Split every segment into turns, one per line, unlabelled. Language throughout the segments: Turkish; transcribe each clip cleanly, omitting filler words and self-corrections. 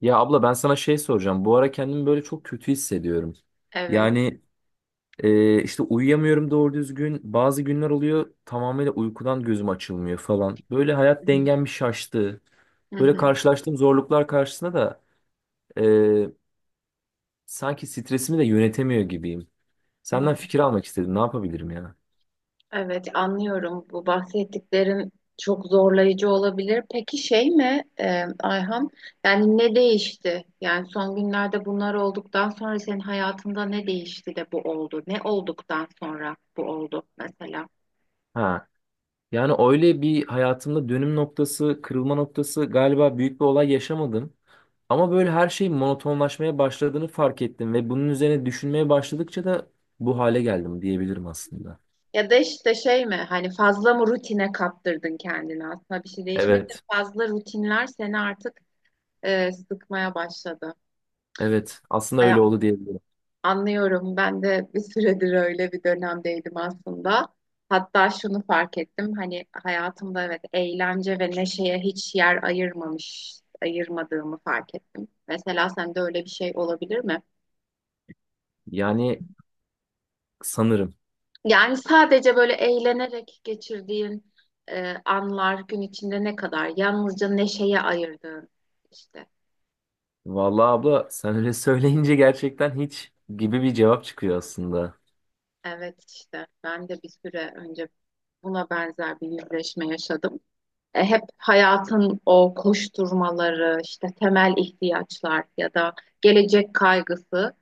Ya abla ben sana şey soracağım. Bu ara kendimi böyle çok kötü hissediyorum.
Evet.
Yani işte uyuyamıyorum doğru düzgün. Bazı günler oluyor tamamıyla uykudan gözüm açılmıyor falan. Böyle
Hı
hayat
hı.
dengem bir şaştı.
Hı
Böyle
hı.
karşılaştığım zorluklar karşısında da e, sanki stresimi de yönetemiyor gibiyim.
Hı
Senden
hı.
fikir almak istedim. Ne yapabilirim ya?
Evet, anlıyorum. Bu bahsettiklerin çok zorlayıcı olabilir. Peki şey mi Ayhan? Yani ne değişti? Yani son günlerde bunlar olduktan sonra senin hayatında ne değişti de bu oldu? Ne olduktan sonra bu oldu mesela?
Ha. Yani öyle bir hayatımda dönüm noktası, kırılma noktası galiba büyük bir olay yaşamadım. Ama böyle her şey monotonlaşmaya başladığını fark ettim ve bunun üzerine düşünmeye başladıkça da bu hale geldim diyebilirim aslında.
Ya da işte şey mi? Hani fazla mı rutine kaptırdın kendini? Aslında bir şey değişmedi de
Evet,
fazla rutinler seni artık sıkmaya başladı.
evet aslında öyle oldu diyebilirim.
Anlıyorum. Ben de bir süredir öyle bir dönemdeydim aslında. Hatta şunu fark ettim. Hani hayatımda evet eğlence ve neşeye hiç yer ayırmadığımı fark ettim. Mesela sende öyle bir şey olabilir mi?
Yani sanırım.
Yani sadece böyle eğlenerek geçirdiğin anlar gün içinde ne kadar? Yalnızca neşeye ayırdığın işte.
Vallahi abla sen öyle söyleyince gerçekten hiç gibi bir cevap çıkıyor aslında.
Evet işte ben de bir süre önce buna benzer bir yüzleşme yaşadım. Hep hayatın o koşturmaları, işte temel ihtiyaçlar ya da gelecek kaygısı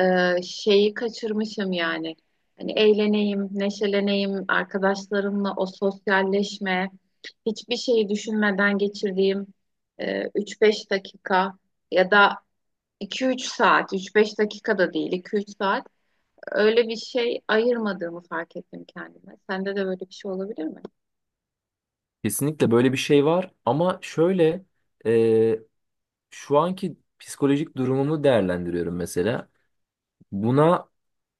şeyi kaçırmışım yani. Hani eğleneyim, neşeleneyim, arkadaşlarımla o sosyalleşme, hiçbir şeyi düşünmeden geçirdiğim 3-5 dakika ya da iki üç saat, üç beş dakika da değil, iki üç saat öyle bir şey ayırmadığımı fark ettim kendime. Sende de böyle bir şey olabilir mi?
Kesinlikle böyle bir şey var ama şöyle e, şu anki psikolojik durumumu değerlendiriyorum mesela. Buna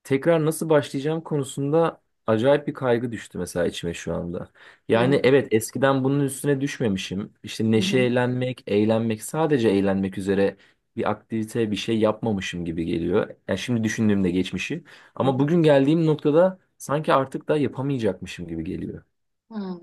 tekrar nasıl başlayacağım konusunda acayip bir kaygı düştü mesela içime şu anda.
Hı hı,
Yani evet eskiden bunun üstüne düşmemişim. İşte
hı hı,
neşelenmek, eğlenmek, sadece eğlenmek üzere bir aktivite, bir şey yapmamışım gibi geliyor. Yani şimdi düşündüğümde geçmişi.
hı
Ama
hı.
bugün geldiğim noktada sanki artık da yapamayacakmışım gibi geliyor.
Hmm.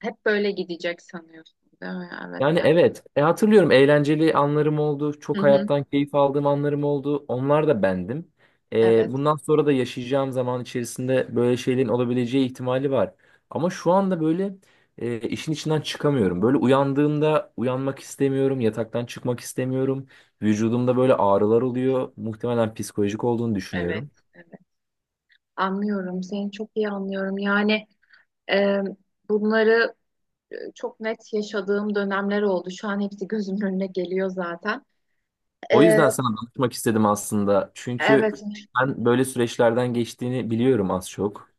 Hep böyle gidecek sanıyorsun, değil mi? Evet
Yani
ya.
evet. Hatırlıyorum eğlenceli anlarım oldu.
Hı
Çok
hı.
hayattan keyif aldığım anlarım oldu. Onlar da bendim.
Evet,
Bundan sonra da yaşayacağım zaman içerisinde böyle şeylerin olabileceği ihtimali var. Ama şu anda böyle işin içinden çıkamıyorum. Böyle uyandığımda uyanmak istemiyorum. Yataktan çıkmak istemiyorum. Vücudumda böyle ağrılar oluyor. Muhtemelen psikolojik olduğunu
evet,
düşünüyorum.
evet. Anlıyorum, seni çok iyi anlıyorum. Yani e, bunları çok net yaşadığım dönemler oldu. Şu an hepsi gözümün önüne geliyor zaten.
O
E,
yüzden sana danışmak istedim aslında. Çünkü
evet,
ben böyle süreçlerden geçtiğini biliyorum az çok.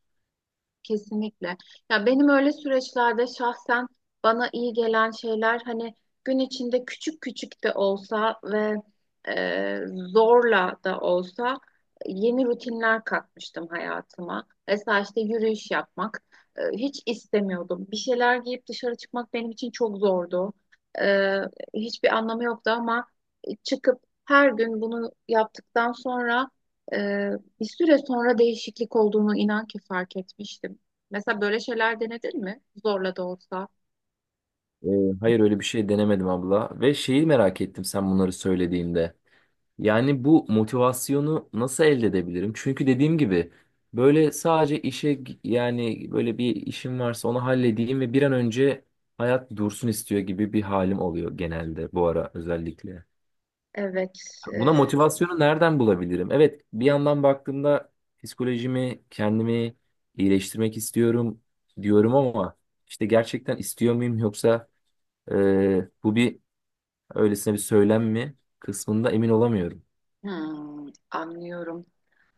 kesinlikle. Ya benim öyle süreçlerde şahsen bana iyi gelen şeyler hani gün içinde küçük küçük de olsa ve e, zorla da olsa yeni rutinler katmıştım hayatıma. Mesela işte yürüyüş yapmak hiç istemiyordum. Bir şeyler giyip dışarı çıkmak benim için çok zordu. E, Hiçbir anlamı yoktu ama çıkıp her gün bunu yaptıktan sonra e, bir süre sonra değişiklik olduğunu inan ki fark etmiştim. Mesela böyle şeyler denedin mi? Zorla da olsa.
Ee, hayır öyle bir şey denemedim abla. Ve şeyi merak ettim sen bunları söylediğinde. Yani bu motivasyonu nasıl elde edebilirim? Çünkü dediğim gibi böyle sadece yani böyle bir işim varsa onu halledeyim ve bir an önce hayat dursun istiyor gibi bir halim oluyor genelde bu ara özellikle.
Evet, e,
Buna motivasyonu nereden bulabilirim? Evet bir yandan baktığımda psikolojimi kendimi iyileştirmek istiyorum diyorum ama işte gerçekten istiyor muyum yoksa bu bir öylesine bir söylem mi kısmında emin olamıyorum.
Anlıyorum.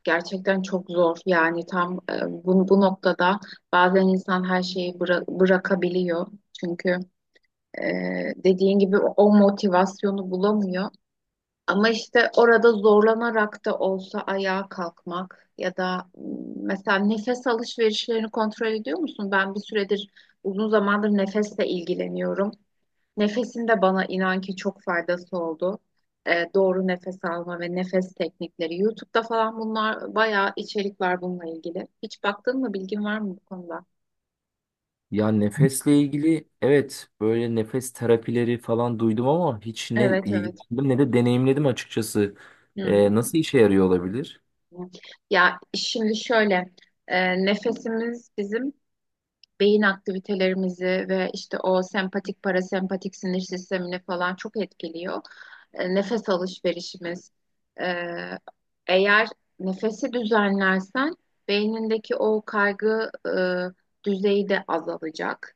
Gerçekten çok zor. Yani tam bu noktada bazen insan her şeyi bırakabiliyor. Çünkü e, dediğin gibi o motivasyonu bulamıyor. Ama işte orada zorlanarak da olsa ayağa kalkmak ya da mesela nefes alışverişlerini kontrol ediyor musun? Ben bir süredir uzun zamandır nefesle ilgileniyorum. Nefesin de bana inan ki çok faydası oldu. Doğru nefes alma ve nefes teknikleri. YouTube'da falan bunlar bayağı içerik var bununla ilgili. Hiç baktın mı? Bilgin var mı bu konuda?
Ya nefesle ilgili evet böyle nefes terapileri falan duydum ama hiç ne
Evet, evet.
ilgilendim ne de deneyimledim açıkçası.
Hmm.
Nasıl işe yarıyor olabilir?
Ya şimdi şöyle, nefesimiz bizim beyin aktivitelerimizi ve işte o sempatik parasempatik sinir sistemini falan çok etkiliyor. Nefes alışverişimiz. E, Eğer nefesi düzenlersen beynindeki o kaygı düzeyi de azalacak.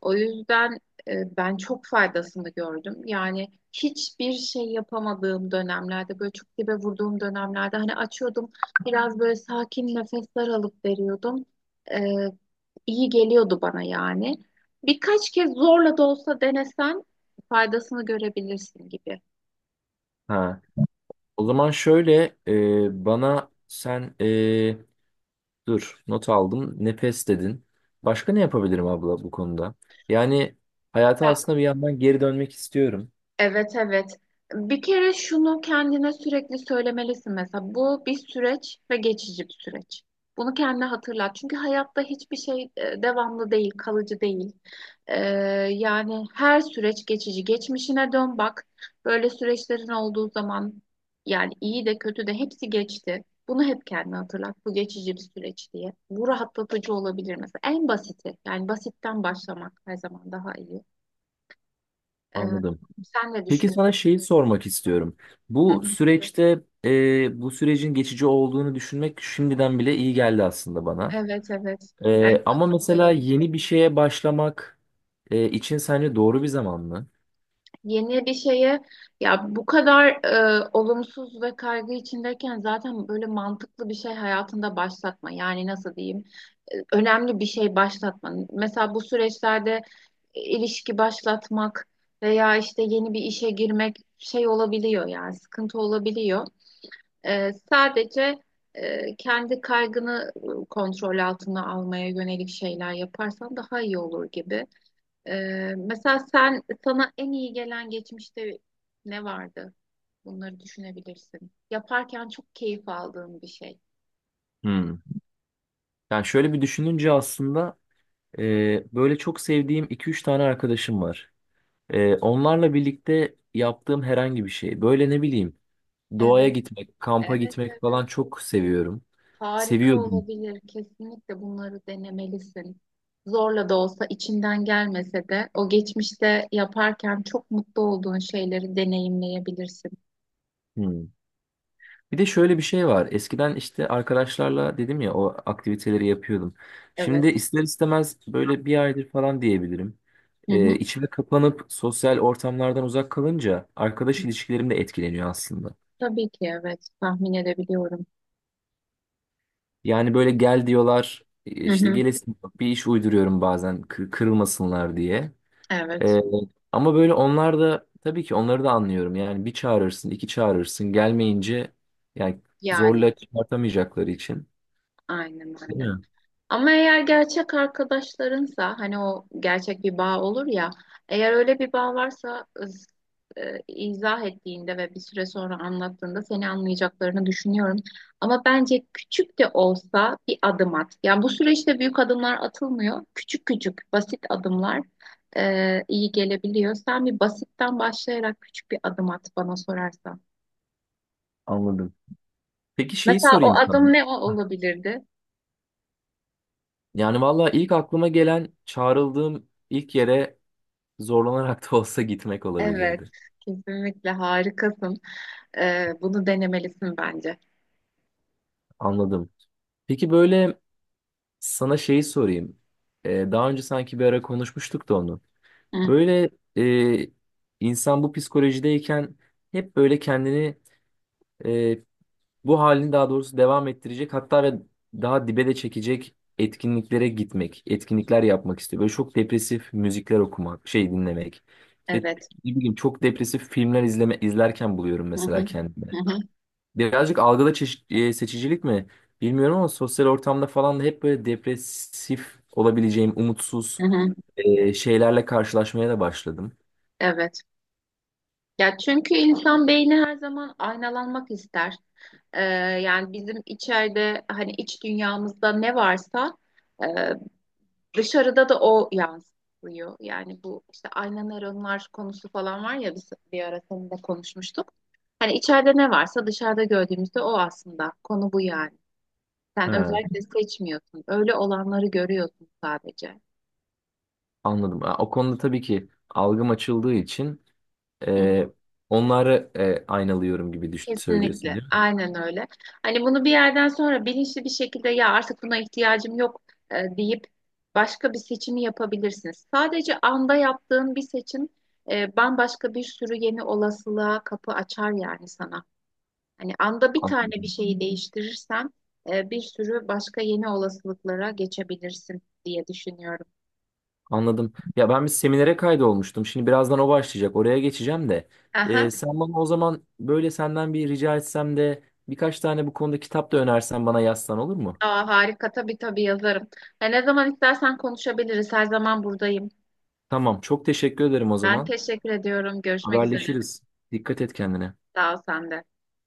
O yüzden ben çok faydasını gördüm. Yani hiçbir şey yapamadığım dönemlerde, böyle çok dibe vurduğum dönemlerde hani açıyordum, biraz böyle sakin nefesler alıp veriyordum. E, iyi geliyordu bana yani. Birkaç kez zorla da olsa denesen faydasını görebilirsin gibi.
Ha. O zaman şöyle bana sen dur not aldım nefes dedin. Başka ne yapabilirim abla bu konuda? Yani hayata
Ya,
aslında bir yandan geri dönmek istiyorum.
evet evet. Bir kere şunu kendine sürekli söylemelisin mesela. Bu bir süreç ve geçici bir süreç. Bunu kendine hatırlat. Çünkü hayatta hiçbir şey devamlı değil, kalıcı değil. Ee, Yani her süreç geçici. Geçmişine dön bak. Böyle süreçlerin olduğu zaman yani iyi de kötü de hepsi geçti. Bunu hep kendine hatırlat. Bu geçici bir süreç diye. Bu rahatlatıcı olabilir mesela. En basiti. Yani basitten başlamak her zaman daha iyi. Ee,
Anladım.
Sen ne
Peki
düşünüyorsun?
sana şeyi sormak istiyorum.
Hı.
Bu süreçte bu sürecin geçici olduğunu düşünmek şimdiden bile iyi geldi aslında bana.
Evet evet. En
Ama
basit
mesela
olanı.
yeni bir şeye başlamak için sence doğru bir zaman mı?
Yeni bir şeye ya bu kadar olumsuz ve kaygı içindeyken zaten böyle mantıklı bir şey hayatında başlatma. Yani nasıl diyeyim? Önemli bir şey başlatma. Mesela bu süreçlerde ilişki başlatmak veya işte yeni bir işe girmek şey olabiliyor yani sıkıntı olabiliyor. Sadece kendi kaygını kontrol altına almaya yönelik şeyler yaparsan daha iyi olur gibi. Mesela sen sana en iyi gelen geçmişte ne vardı? Bunları düşünebilirsin. Yaparken çok keyif aldığın bir şey.
Hmm. Yani şöyle bir düşününce aslında böyle çok sevdiğim iki üç tane arkadaşım var. Onlarla birlikte yaptığım herhangi bir şey. Böyle ne bileyim doğaya
Evet,
gitmek, kampa
evet,
gitmek
evet.
falan çok seviyorum.
Harika
Seviyordum.
olabilir. Kesinlikle bunları denemelisin. Zorla da olsa içinden gelmese de o geçmişte yaparken çok mutlu olduğun şeyleri deneyimleyebilirsin.
Hmm. Bir de şöyle bir şey var. Eskiden işte arkadaşlarla dedim ya o aktiviteleri yapıyordum. Şimdi
Evet.
ister istemez böyle bir aydır falan diyebilirim.
Hı hı.
İçime kapanıp sosyal ortamlardan uzak kalınca arkadaş ilişkilerim de etkileniyor aslında.
Tabii ki evet. Tahmin edebiliyorum.
Yani böyle gel diyorlar
Hı
işte
hı.
gelesin bir iş uyduruyorum bazen kırılmasınlar diye.
Evet.
Ee, Ama böyle onlar da tabii ki onları da anlıyorum. Yani bir çağırırsın iki çağırırsın gelmeyince yani
Yani
zorla çıkartamayacakları için.
aynen
Değil
öyle.
mi?
Ama eğer gerçek arkadaşlarınsa hani o gerçek bir bağ olur ya eğer öyle bir bağ varsa izah ettiğinde ve bir süre sonra anlattığında seni anlayacaklarını düşünüyorum. Ama bence küçük de olsa bir adım at. Yani bu süreçte büyük adımlar atılmıyor. Küçük küçük basit adımlar iyi gelebiliyor. Sen bir basitten başlayarak küçük bir adım at bana sorarsan.
Anladım. Peki şeyi
Mesela o
sorayım sana.
adım ne
Ha.
olabilirdi?
Yani valla ilk aklıma gelen çağrıldığım ilk yere zorlanarak da olsa gitmek
Evet,
olabilirdi.
kesinlikle harikasın. Bunu denemelisin bence.
Anladım. Peki böyle sana şeyi sorayım. Daha önce sanki bir ara konuşmuştuk da onu.
Hı,
Böyle e, insan bu psikolojideyken hep böyle kendini e, bu halini daha doğrusu devam ettirecek hatta ve daha dibe de çekecek etkinliklere gitmek, etkinlikler yapmak istiyor. Böyle çok depresif müzikler okumak, şey dinlemek. İşte
evet,
ne bileyim çok depresif filmler izlerken buluyorum
hı hı
mesela
hı
kendimi.
hı.
Birazcık algıda seçicilik mi bilmiyorum ama sosyal ortamda falan da hep böyle depresif olabileceğim, umutsuz
Hı hı.
şeylerle karşılaşmaya da başladım.
Evet. Ya çünkü insan beyni her zaman aynalanmak ister. Ee, Yani bizim içeride hani iç dünyamızda ne varsa e, dışarıda da o yansıyor. Yani bu işte ayna nöronlar konusu falan var ya biz bir ara seninle konuşmuştuk. Hani içeride ne varsa dışarıda gördüğümüzde o aslında. Konu bu yani.
He,
Sen özellikle seçmiyorsun. Öyle olanları görüyorsun sadece.
anladım. Ha, o konuda tabii ki algım açıldığı için Ee, onları aynalıyorum gibi düşün, söylüyorsun
Kesinlikle.
değil mi?
Aynen öyle. Hani bunu bir yerden sonra bilinçli bir şekilde ya artık buna ihtiyacım yok deyip başka bir seçimi yapabilirsiniz. Sadece anda yaptığın bir seçim bambaşka bir sürü yeni olasılığa kapı açar yani sana. Hani anda bir tane bir
Anladım.
şeyi değiştirirsen bir sürü başka yeni olasılıklara geçebilirsin diye düşünüyorum.
Anladım. Ya ben bir seminere kaydolmuştum. Şimdi birazdan o başlayacak. Oraya geçeceğim de.
Aha.
Sen bana o zaman böyle senden bir rica etsem de birkaç tane bu konuda kitap da önersen bana yazsan olur mu?
Aa, harika tabii tabii yazarım. Ne zaman istersen konuşabiliriz. Her zaman buradayım.
Tamam. Çok teşekkür ederim o
Ben
zaman.
teşekkür ediyorum. Görüşmek üzere.
Haberleşiriz. Dikkat et kendine.
Sağ ol sen de.